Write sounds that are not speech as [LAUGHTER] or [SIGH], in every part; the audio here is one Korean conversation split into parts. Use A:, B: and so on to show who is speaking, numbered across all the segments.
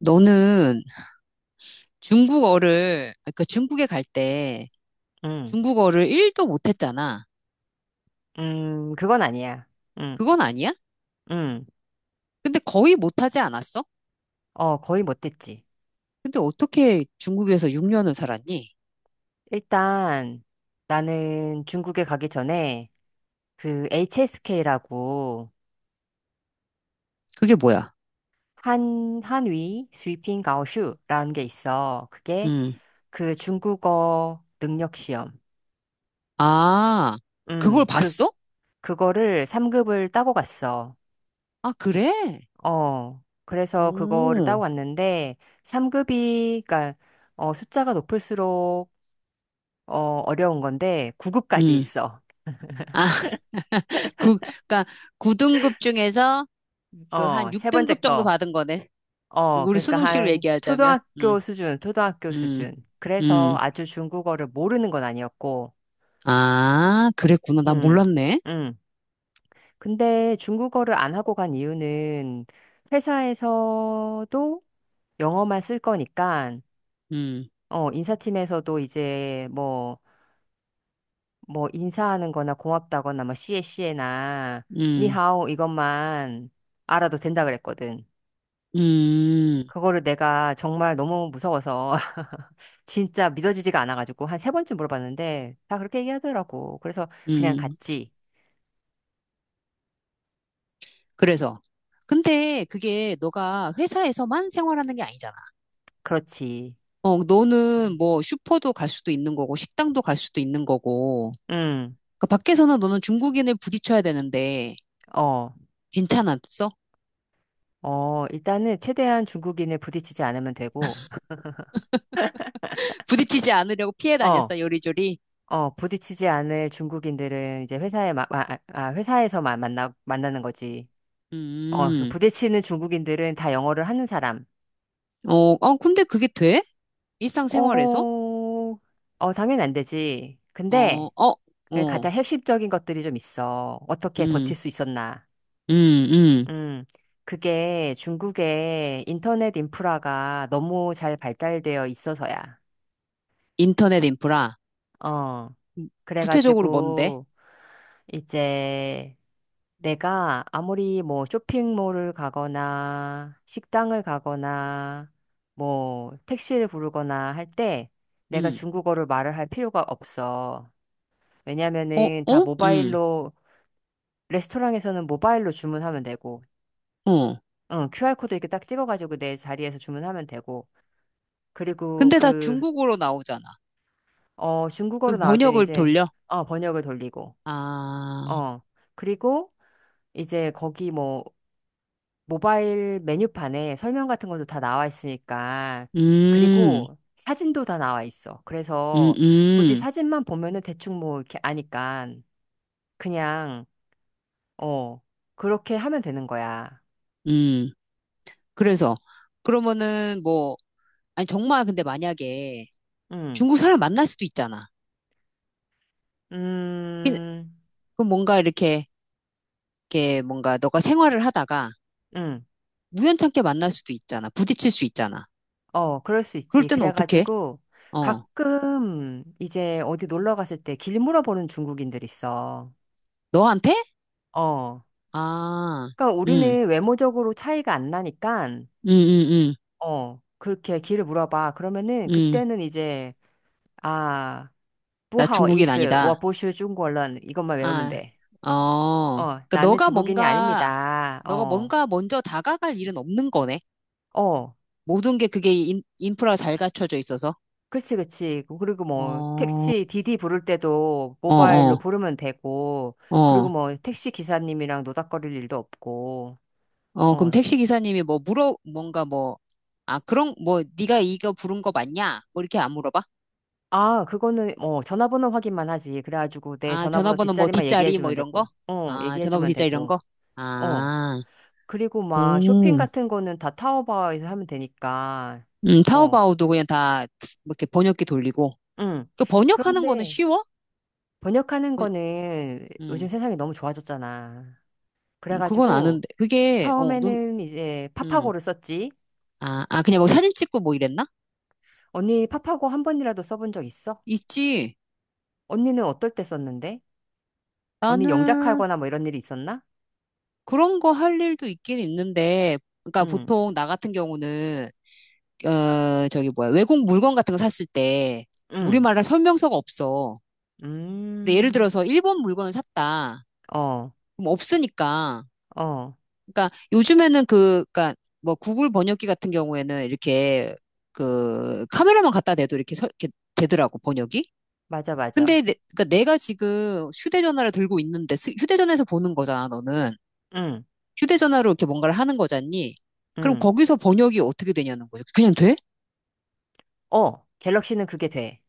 A: 너는 중국어를, 그러니까 중국에 갈 때
B: 음,
A: 중국어를 1도 못했잖아.
B: 그건 아니야. 음,
A: 그건 아니야?
B: 음,
A: 근데 거의 못하지 않았어?
B: 어, 거의 못됐지.
A: 근데 어떻게 중국에서 6년을 살았니?
B: 일단 나는 중국에 가기 전에 그 HSK라고
A: 그게 뭐야?
B: 한위 스위핑 가오슈라는 게 있어. 그게
A: 음.
B: 그 중국어 능력 시험.
A: 아,
B: 음,
A: 그걸
B: 그,
A: 봤어?
B: 그거를 3급을 따고 갔어.
A: 아, 그래?
B: 어, 그래서 그거를 따고
A: 음.
B: 갔는데 3급이, 그니까, 숫자가 높을수록 어, 어려운 건데 9급까지
A: 음.
B: 있어.
A: 아, [LAUGHS] 그, 그러니까 9등급 중에서 그 한
B: 어, 세 번째
A: 6등급 정도
B: 거.
A: 받은 거네.
B: 어,
A: 우리
B: 그러니까
A: 수능식으로
B: 한
A: 얘기하자면.
B: 초등학교 수준, 초등학교
A: 음,
B: 수준. 그래서
A: 음.
B: 아주 중국어를 모르는 건 아니었고,
A: 아, 그랬구나. 나
B: 음,
A: 몰랐네.
B: 음. 근데 중국어를 안 하고 간 이유는 회사에서도 영어만 쓸 거니까,
A: 음,
B: 인사팀에서도 이제 뭐, 뭐, 인사하는 거나 고맙다거나, 뭐, 씨에 씨에나,
A: 음.
B: 니하오 이것만 알아도 된다 그랬거든.
A: 음,
B: 그거를 내가 정말 너무 무서워서, 진짜 믿어지지가 않아가지고 한 세 번쯤 물어봤는데 다 그렇게 얘기하더라고. 그래서 그냥
A: 음.
B: 갔지.
A: 그래서. 근데 그게 너가 회사에서만 생활하는 게 아니잖아.
B: 그렇지.
A: 어, 너는 뭐 슈퍼도 갈 수도 있는 거고, 식당도 갈 수도 있는 거고.
B: 응.
A: 그 밖에서는 너는 중국인을 부딪혀야 되는데,
B: 어.
A: 괜찮았어?
B: 어, 일단은 최대한 중국인을 부딪히지 않으면 되고, [LAUGHS]
A: [LAUGHS] 부딪히지 않으려고 피해
B: 어,
A: 다녔어, 요리조리?
B: 어, 부딪히지 않을 중국인들은 이제 회사에, 아, 회사에서 만나는 거지. 어, 그
A: 음,
B: 부딪히는 중국인들은 다 영어를 하는 사람.
A: 어, 어, 근데 그게 돼? 일상생활에서?
B: 어, 어, 당연히 안 되지.
A: 어,
B: 근데
A: 어,
B: 그
A: 어,
B: 가장 핵심적인 것들이 좀 있어. 어떻게 버틸
A: 음,
B: 수 있었나.
A: 음, 음.
B: 음, 그게 중국의 인터넷 인프라가 너무 잘 발달되어 있어서야.
A: 인터넷 인프라.
B: 어,
A: 구체적으로 뭔데?
B: 그래가지고, 이제 내가 아무리 뭐 쇼핑몰을 가거나 식당을 가거나 뭐 택시를 부르거나 할 때 내가
A: 음,
B: 중국어를 말을 할 필요가 없어.
A: 어,
B: 왜냐면은 다
A: 어,
B: 모바일로, 레스토랑에서는 모바일로 주문하면 되고,
A: 어.
B: 응, QR코드 이렇게 딱 찍어가지고 내 자리에서 주문하면 되고, 그리고
A: 근데 다
B: 그,
A: 중국어로 나오잖아.
B: 어,
A: 그
B: 중국어로 나올 때는
A: 번역을
B: 이제,
A: 돌려?
B: 어, 번역을 돌리고,
A: 아,
B: 어, 그리고 이제 거기 뭐, 모바일 메뉴판에 설명 같은 것도 다 나와 있으니까,
A: 음,
B: 그리고 사진도 다 나와 있어.
A: 음,
B: 그래서 굳이
A: 음,
B: 사진만 보면은 대충 뭐 이렇게 아니까, 그냥, 어, 그렇게 하면 되는 거야.
A: 음. 그래서, 그러면은 뭐, 아니, 정말 근데 만약에
B: 응,
A: 중국 사람 만날 수도 있잖아. 그,
B: 음,
A: 그 뭔가 이렇게, 이렇게 뭔가 너가 생활을 하다가
B: 응.
A: 우연찮게 만날 수도 있잖아. 부딪힐 수 있잖아.
B: 어, 그럴 수
A: 그럴
B: 있지.
A: 때는 어떻게?
B: 그래가지고
A: 어,
B: 가끔 이제 어디 놀러 갔을 때 길 물어보는 중국인들 있어.
A: 너한테?
B: 어.
A: 아,
B: 그러니까
A: 음,
B: 우리는 외모적으로 차이가 안 나니까
A: 음, 음,
B: 어, 그렇게 길을 물어봐. 그러면은
A: 음, 음.
B: 그때는 이제 아,
A: 나 중국인 아니다.
B: 不好意思,我不是中国人. 이것만 외우면
A: 아,
B: 돼.
A: 어.
B: 어,
A: 그러니까
B: 나는
A: 너가
B: 중국인이
A: 뭔가,
B: 아닙니다.
A: 너가
B: 어.
A: 뭔가 먼저 다가갈 일은 없는 거네.
B: 어.
A: 모든 게 그게 인프라가 잘 갖춰져 있어서.
B: 그치, 그치. 그, 그리고 뭐,
A: 어,
B: 택시, 디디 부를 때도
A: 어,
B: 모바일로
A: 어,
B: 부르면 되고, 그리고
A: 어.
B: 뭐, 택시 기사님이랑 노닥거릴 일도 없고,
A: 어, 그럼
B: 어.
A: 택시 기사님이 뭐 물어, 뭔가 뭐, 아, 그런, 뭐, 네가 이거 부른 거 맞냐? 뭐 이렇게 안 물어봐?
B: 아, 그거는, 어, 전화번호 확인만 하지. 그래가지고 내
A: 아,
B: 전화번호
A: 전화번호 뭐
B: 뒷자리만
A: 뒷자리 뭐
B: 얘기해주면
A: 이런 거?
B: 되고, 어,
A: 아, 전화번호
B: 얘기해주면
A: 뒷자리 이런
B: 되고,
A: 거?
B: 어.
A: 아,
B: 그리고 막, 쇼핑
A: 음.
B: 같은 거는 다 타오바오에서 하면 되니까, 어,
A: 타오바오도 그냥 다 이렇게 번역기 돌리고.
B: 응.
A: 그 번역하는 거는
B: 그런데,
A: 쉬워?
B: 번역하는
A: 번-
B: 거는 요즘
A: 음.
B: 세상이 너무 좋아졌잖아.
A: 그건
B: 그래가지고,
A: 아는데. 그게, 어, 넌,
B: 처음에는 이제
A: 음,
B: 파파고를 썼지.
A: 아, 아, 그냥 뭐 사진 찍고 뭐 이랬나?
B: 언니 파파고 한 번이라도 써본 적 있어?
A: 있지.
B: 언니는 어떨 때 썼는데? 언니
A: 나는
B: 영작하거나 뭐 이런 일이 있었나?
A: 그런 거 할 일도 있긴 있는데, 그러니까
B: 응,
A: 보통 나 같은 경우는, 어, 저기 뭐야, 외국 물건 같은 거 샀을 때,
B: 응,
A: 우리말에 설명서가 없어. 근데 예를
B: 음,
A: 들어서 일본 물건을 샀다.
B: 어,
A: 그럼 없으니까.
B: 어,
A: 그러니까 요즘에는 그러니까 뭐 구글 번역기 같은 경우에는 이렇게 그 카메라만 갖다 대도 이렇게, 이렇게 되더라고, 번역이.
B: 맞아, 맞아.
A: 근데 그러니까 내가 지금 휴대전화를 들고 있는데 휴대전화에서 보는 거잖아, 너는.
B: 응,
A: 휴대전화로 이렇게 뭔가를 하는 거잖니. 그럼
B: 응.
A: 거기서 번역이 어떻게 되냐는 거죠. 그냥 돼?
B: 어, 갤럭시는 그게 돼.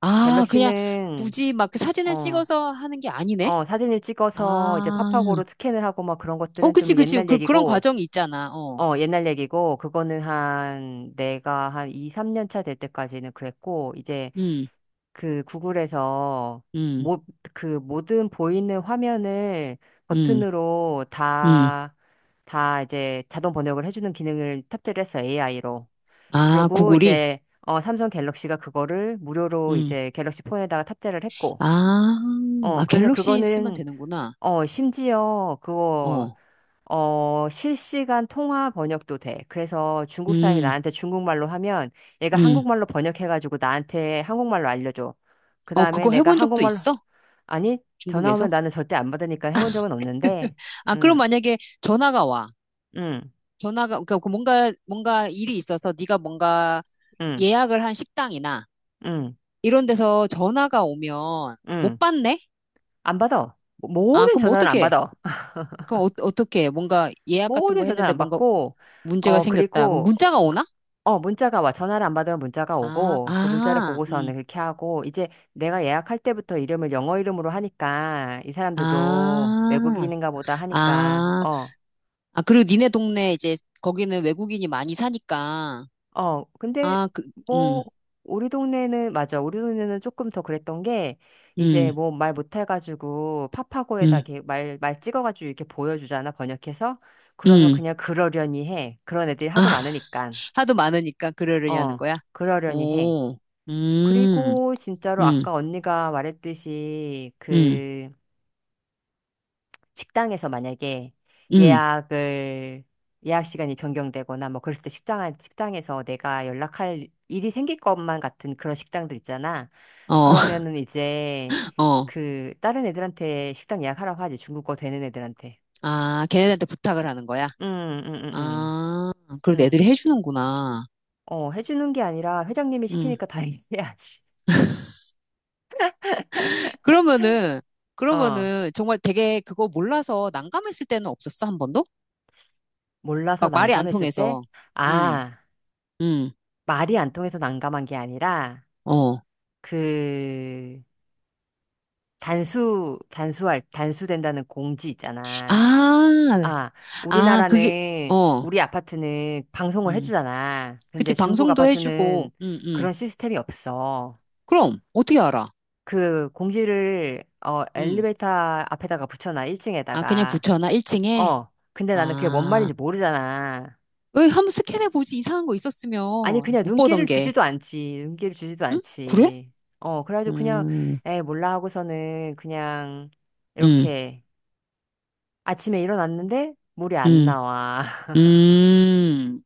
A: 아, 그냥
B: 갤럭시는,
A: 굳이 막그 사진을
B: 어,
A: 찍어서 하는 게 아니네?
B: 어, 사진을 찍어서 이제
A: 아,
B: 파파고로 스캔을 하고 막 그런
A: 어,
B: 것들은
A: 그치,
B: 좀
A: 그치.
B: 옛날
A: 그런
B: 얘기고,
A: 과정이 있잖아. 어,
B: 어, 옛날 얘기고, 그거는 한, 내가 한 2, 3년 차 될 때까지는 그랬고, 이제
A: 음,
B: 그 구글에서
A: 음,
B: 모, 그 모든 보이는 화면을
A: 음,
B: 버튼으로
A: 음.
B: 다, 다 이제 자동 번역을 해주는 기능을 탑재를 했어, AI로.
A: 아,
B: 그리고
A: 구글이?
B: 이제, 어, 삼성 갤럭시가 그거를 무료로
A: 음.
B: 이제 갤럭시 폰에다가 탑재를 했고,
A: 아,
B: 어,
A: 아,
B: 그래서
A: 갤럭시 쓰면
B: 그거는,
A: 되는구나.
B: 어, 심지어 그거
A: 어,
B: 어, 실시간 통화 번역도 돼. 그래서 중국 사람이
A: 음,
B: 나한테 중국말로 하면 얘가
A: 음.
B: 한국말로 번역해가지고 나한테 한국말로 알려줘. 그
A: 어,
B: 다음에
A: 그거
B: 내가
A: 해본 적도
B: 한국말로,
A: 있어?
B: 아니, 전화
A: 중국에서?
B: 오면 나는 절대 안 받으니까 해본 적은 없는데,
A: 아,
B: 음,
A: 그럼 만약에 전화가 와.
B: 음,
A: 전화가, 그러니까 그 뭔가 일이 있어서 네가 뭔가
B: 음,
A: 예약을 한 식당이나
B: 음,
A: 이런 데서 전화가 오면
B: 음.
A: 못 받네?
B: 안 받아.
A: 아,
B: 모든
A: 그럼
B: 전화는 안
A: 어떻게?
B: 받아.
A: 그럼 어떻게? 해? 뭔가 예약 같은
B: 모든
A: 거
B: 전화를
A: 했는데
B: 안
A: 뭔가
B: 받고,
A: 문제가
B: 어,
A: 생겼다. 그럼
B: 그리고,
A: 문자가
B: 그-
A: 오나?
B: 어, 문자가 와. 전화를 안 받으면 문자가
A: 아,
B: 오고, 그 문자를
A: 아,
B: 보고서는 그렇게 하고, 이제 내가 예약할 때부터 이름을 영어 이름으로 하니까, 이 사람들도
A: 아,
B: 외국인인가 보다 하니까,
A: 아,
B: 어,
A: 아, 그리고 니네 동네 이제 거기는 외국인이 많이 사니까.
B: 어, 근데
A: 아, 그, 음,
B: 뭐, 우리 동네는, 맞아. 우리 동네는 조금 더 그랬던 게, 이제
A: 음,
B: 뭐 말 못해가지고, 파파고에다
A: 음,
B: 이렇게 말 찍어가지고 이렇게 보여주잖아, 번역해서. 그러면
A: 음.
B: 그냥 그러려니 해. 그런 애들이
A: 아,
B: 하도 많으니까.
A: 하도 많으니까 그러려냐는
B: 어,
A: 거야?
B: 그러려니 해.
A: 오, 음,
B: 그리고 진짜로
A: 음,
B: 아까 언니가 말했듯이
A: 음,
B: 그 식당에서 만약에
A: 음,
B: 예약을 예약 시간이 변경되거나 뭐 그랬을 때 식당에서 내가 연락할 일이 생길 것만 같은 그런 식당들 있잖아.
A: 어, [LAUGHS]
B: 그러면은 이제
A: 어.
B: 그 다른 애들한테 식당 예약하라고 하지 중국어 되는 애들한테.
A: 아, 걔네들한테 부탁을 하는 거야?
B: 음, 음, 음,
A: 아, 그래도
B: 음.
A: 애들이 해주는구나.
B: 어, 해주는 게 아니라 회장님이
A: 음.
B: 시키니까 다 [LAUGHS] 해야지.
A: 그러면은,
B: 어.
A: 그러면은 정말 되게 그거 몰라서 난감했을 때는 없었어, 한 번도?
B: 몰라서
A: 막 말이 안
B: 난감했을 때?
A: 통해서. 음,
B: 아,
A: 음,
B: 말이 안 통해서 난감한 게 아니라,
A: 어.
B: 그, 단수된다는 공지 있잖아.
A: 아,
B: 아,
A: 아, 그게,
B: 우리나라는,
A: 어,
B: 우리 아파트는 방송을
A: 음.
B: 해주잖아.
A: 그치,
B: 근데 중국
A: 방송도
B: 아파트는
A: 해주고,
B: 그런 시스템이 없어.
A: 그럼, 어떻게 알아?
B: 그 공지를, 어,
A: 음.
B: 엘리베이터 앞에다가 붙여놔,
A: 아, 그냥
B: 1층에다가.
A: 붙여놔, 1층에?
B: 어, 근데 나는 그게 뭔
A: 아,
B: 말인지 모르잖아.
A: 왜 한번 스캔해 보지 이상한 거 있었으면
B: 아니, 그냥
A: 못 보던
B: 눈길을
A: 게.
B: 주지도 않지. 눈길을 주지도
A: 응? 그래?
B: 않지. 어, 그래가지고 그냥,
A: 음,
B: 에, 몰라 하고서는 그냥,
A: 음,
B: 이렇게, 아침에 일어났는데, 물이 안
A: 음,
B: 나와. [LAUGHS]
A: 음.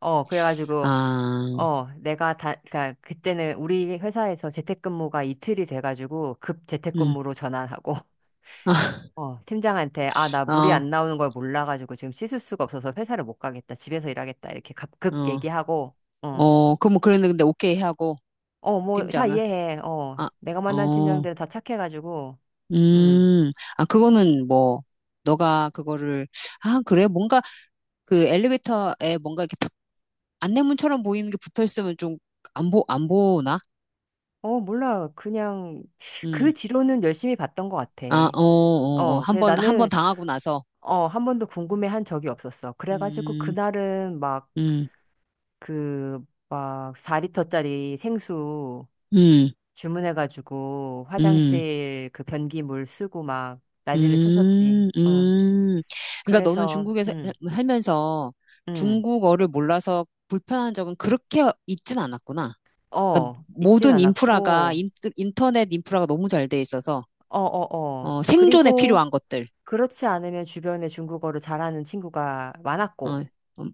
B: 어, 그래가지고,
A: 아,
B: 어, 내가 다, 그니까, 그때는 우리 회사에서 재택근무가 이틀이 돼가지고, 급
A: 음.
B: 재택근무로 전환하고, [LAUGHS]
A: 아,
B: 어, 팀장한테, 아, 나 물이
A: 어,
B: 안 나오는 걸 몰라가지고, 지금 씻을 수가 없어서 회사를 못 가겠다. 집에서 일하겠다. 이렇게 급
A: 어,
B: 얘기하고, 어.
A: 어, 그럼 뭐 그랬는데 오케이 하고
B: 어, 뭐, 다
A: 팀장은
B: 이해해. 어,
A: 아,
B: 내가 만난
A: 어,
B: 팀장들은 다 착해가지고, 음.
A: 음, 아 그거는 뭐 너가 그거를 아 그래 뭔가 그 엘리베이터에 뭔가 이렇게 탁 안내문처럼 보이는 게 붙어 있으면 좀 안 보나?
B: 어, 몰라. 그냥, 그
A: 음,
B: 뒤로는 열심히 봤던 것 같아.
A: 아, 어, 어, 어,
B: 어, 근데
A: 한번 한 번
B: 나는,
A: 당하고 나서
B: 어, 한 번도 궁금해 한 적이 없었어. 그래가지고,
A: 음,
B: 그날은 막,
A: 음,
B: 그, 막, 4리터짜리 생수
A: 음,
B: 주문해가지고,
A: 음,
B: 화장실 그 변기물 쓰고 막, 난리를 쳤었지.
A: 음,
B: 응.
A: 음. 그러니까 너는
B: 그래서,
A: 중국에 살면서
B: 음.
A: 중국어를 몰라서 불편한 적은 그렇게 있진 않았구나. 그러니까
B: 어, 있진
A: 모든 인프라가
B: 않았고,
A: 인터넷 인프라가 너무 잘돼 있어서
B: 어, 어, 어.
A: 어, 생존에
B: 그리고,
A: 필요한 것들
B: 그렇지 않으면 주변에 중국어를 잘하는 친구가
A: 어,
B: 많았고,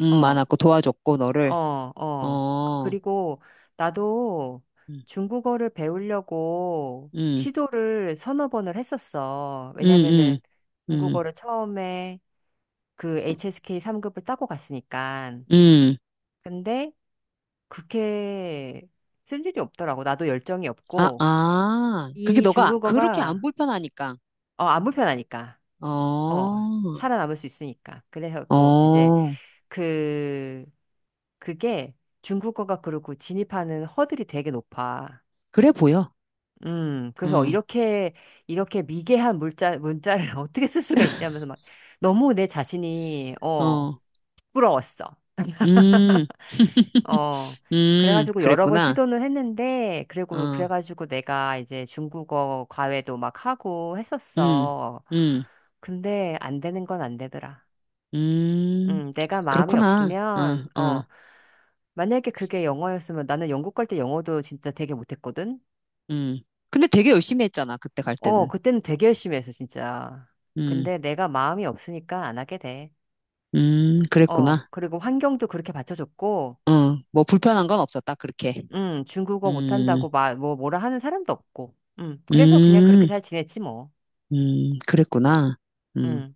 B: 어,
A: 많았고 도와줬고
B: 어,
A: 너를
B: 어.
A: 어,
B: 그리고 나도
A: 음,
B: 중국어를 배우려고
A: 음,
B: 시도를 서너 번을 했었어. 왜냐면은
A: 음, 음, 음.
B: 중국어를 처음에 그 HSK 3급을 따고 갔으니까.
A: 음.
B: 근데 그렇게 쓸 일이 없더라고. 나도 열정이
A: 아,
B: 없고,
A: 아. 그게
B: 이
A: 너가 그렇게 안
B: 중국어가,
A: 불편하니까.
B: 어, 안 불편하니까. 어,
A: 어.
B: 살아남을 수 있으니까. 그래갖고, 이제,
A: 어,
B: 그 그게 중국어가 그렇고 진입하는 허들이 되게 높아.
A: 그래 보여.
B: 그래서
A: 응,
B: 이렇게, 이렇게 미개한 문자를 [LAUGHS] 어떻게 쓸 수가 있지 하면서 막 너무 내 자신이, 어,
A: 어,
B: 부러웠어.
A: 음,
B: 어.
A: [LAUGHS]
B: 그래가지고 여러 번
A: 그랬구나.
B: 시도는 했는데, 그리고
A: 어,
B: 그래가지고 내가 이제 중국어 과외도 막 하고
A: 음,
B: 했었어.
A: 음,
B: 근데 안 되는 건 안 되더라.
A: 음,
B: 내가 마음이
A: 그렇구나. 어,
B: 없으면,
A: 어,
B: 어, 만약에 그게 영어였으면 나는 영국 갈 때 영어도 진짜 되게 못했거든?
A: 음. 근데 되게 열심히 했잖아, 그때 갈
B: 어,
A: 때는.
B: 그때는 되게 열심히 했어, 진짜.
A: 음,
B: 근데 내가 마음이 없으니까 안 하게 돼. 어,
A: 그랬구나.
B: 그리고 환경도 그렇게 받쳐줬고,
A: 어, 뭐 불편한 건 없었다, 그렇게.
B: 중국어
A: 음,
B: 못한다고 마, 뭐, 뭐라 하는 사람도 없고, 그래서 그냥 그렇게
A: 음,
B: 잘 지냈지, 뭐.
A: 그랬구나. 음.
B: 음.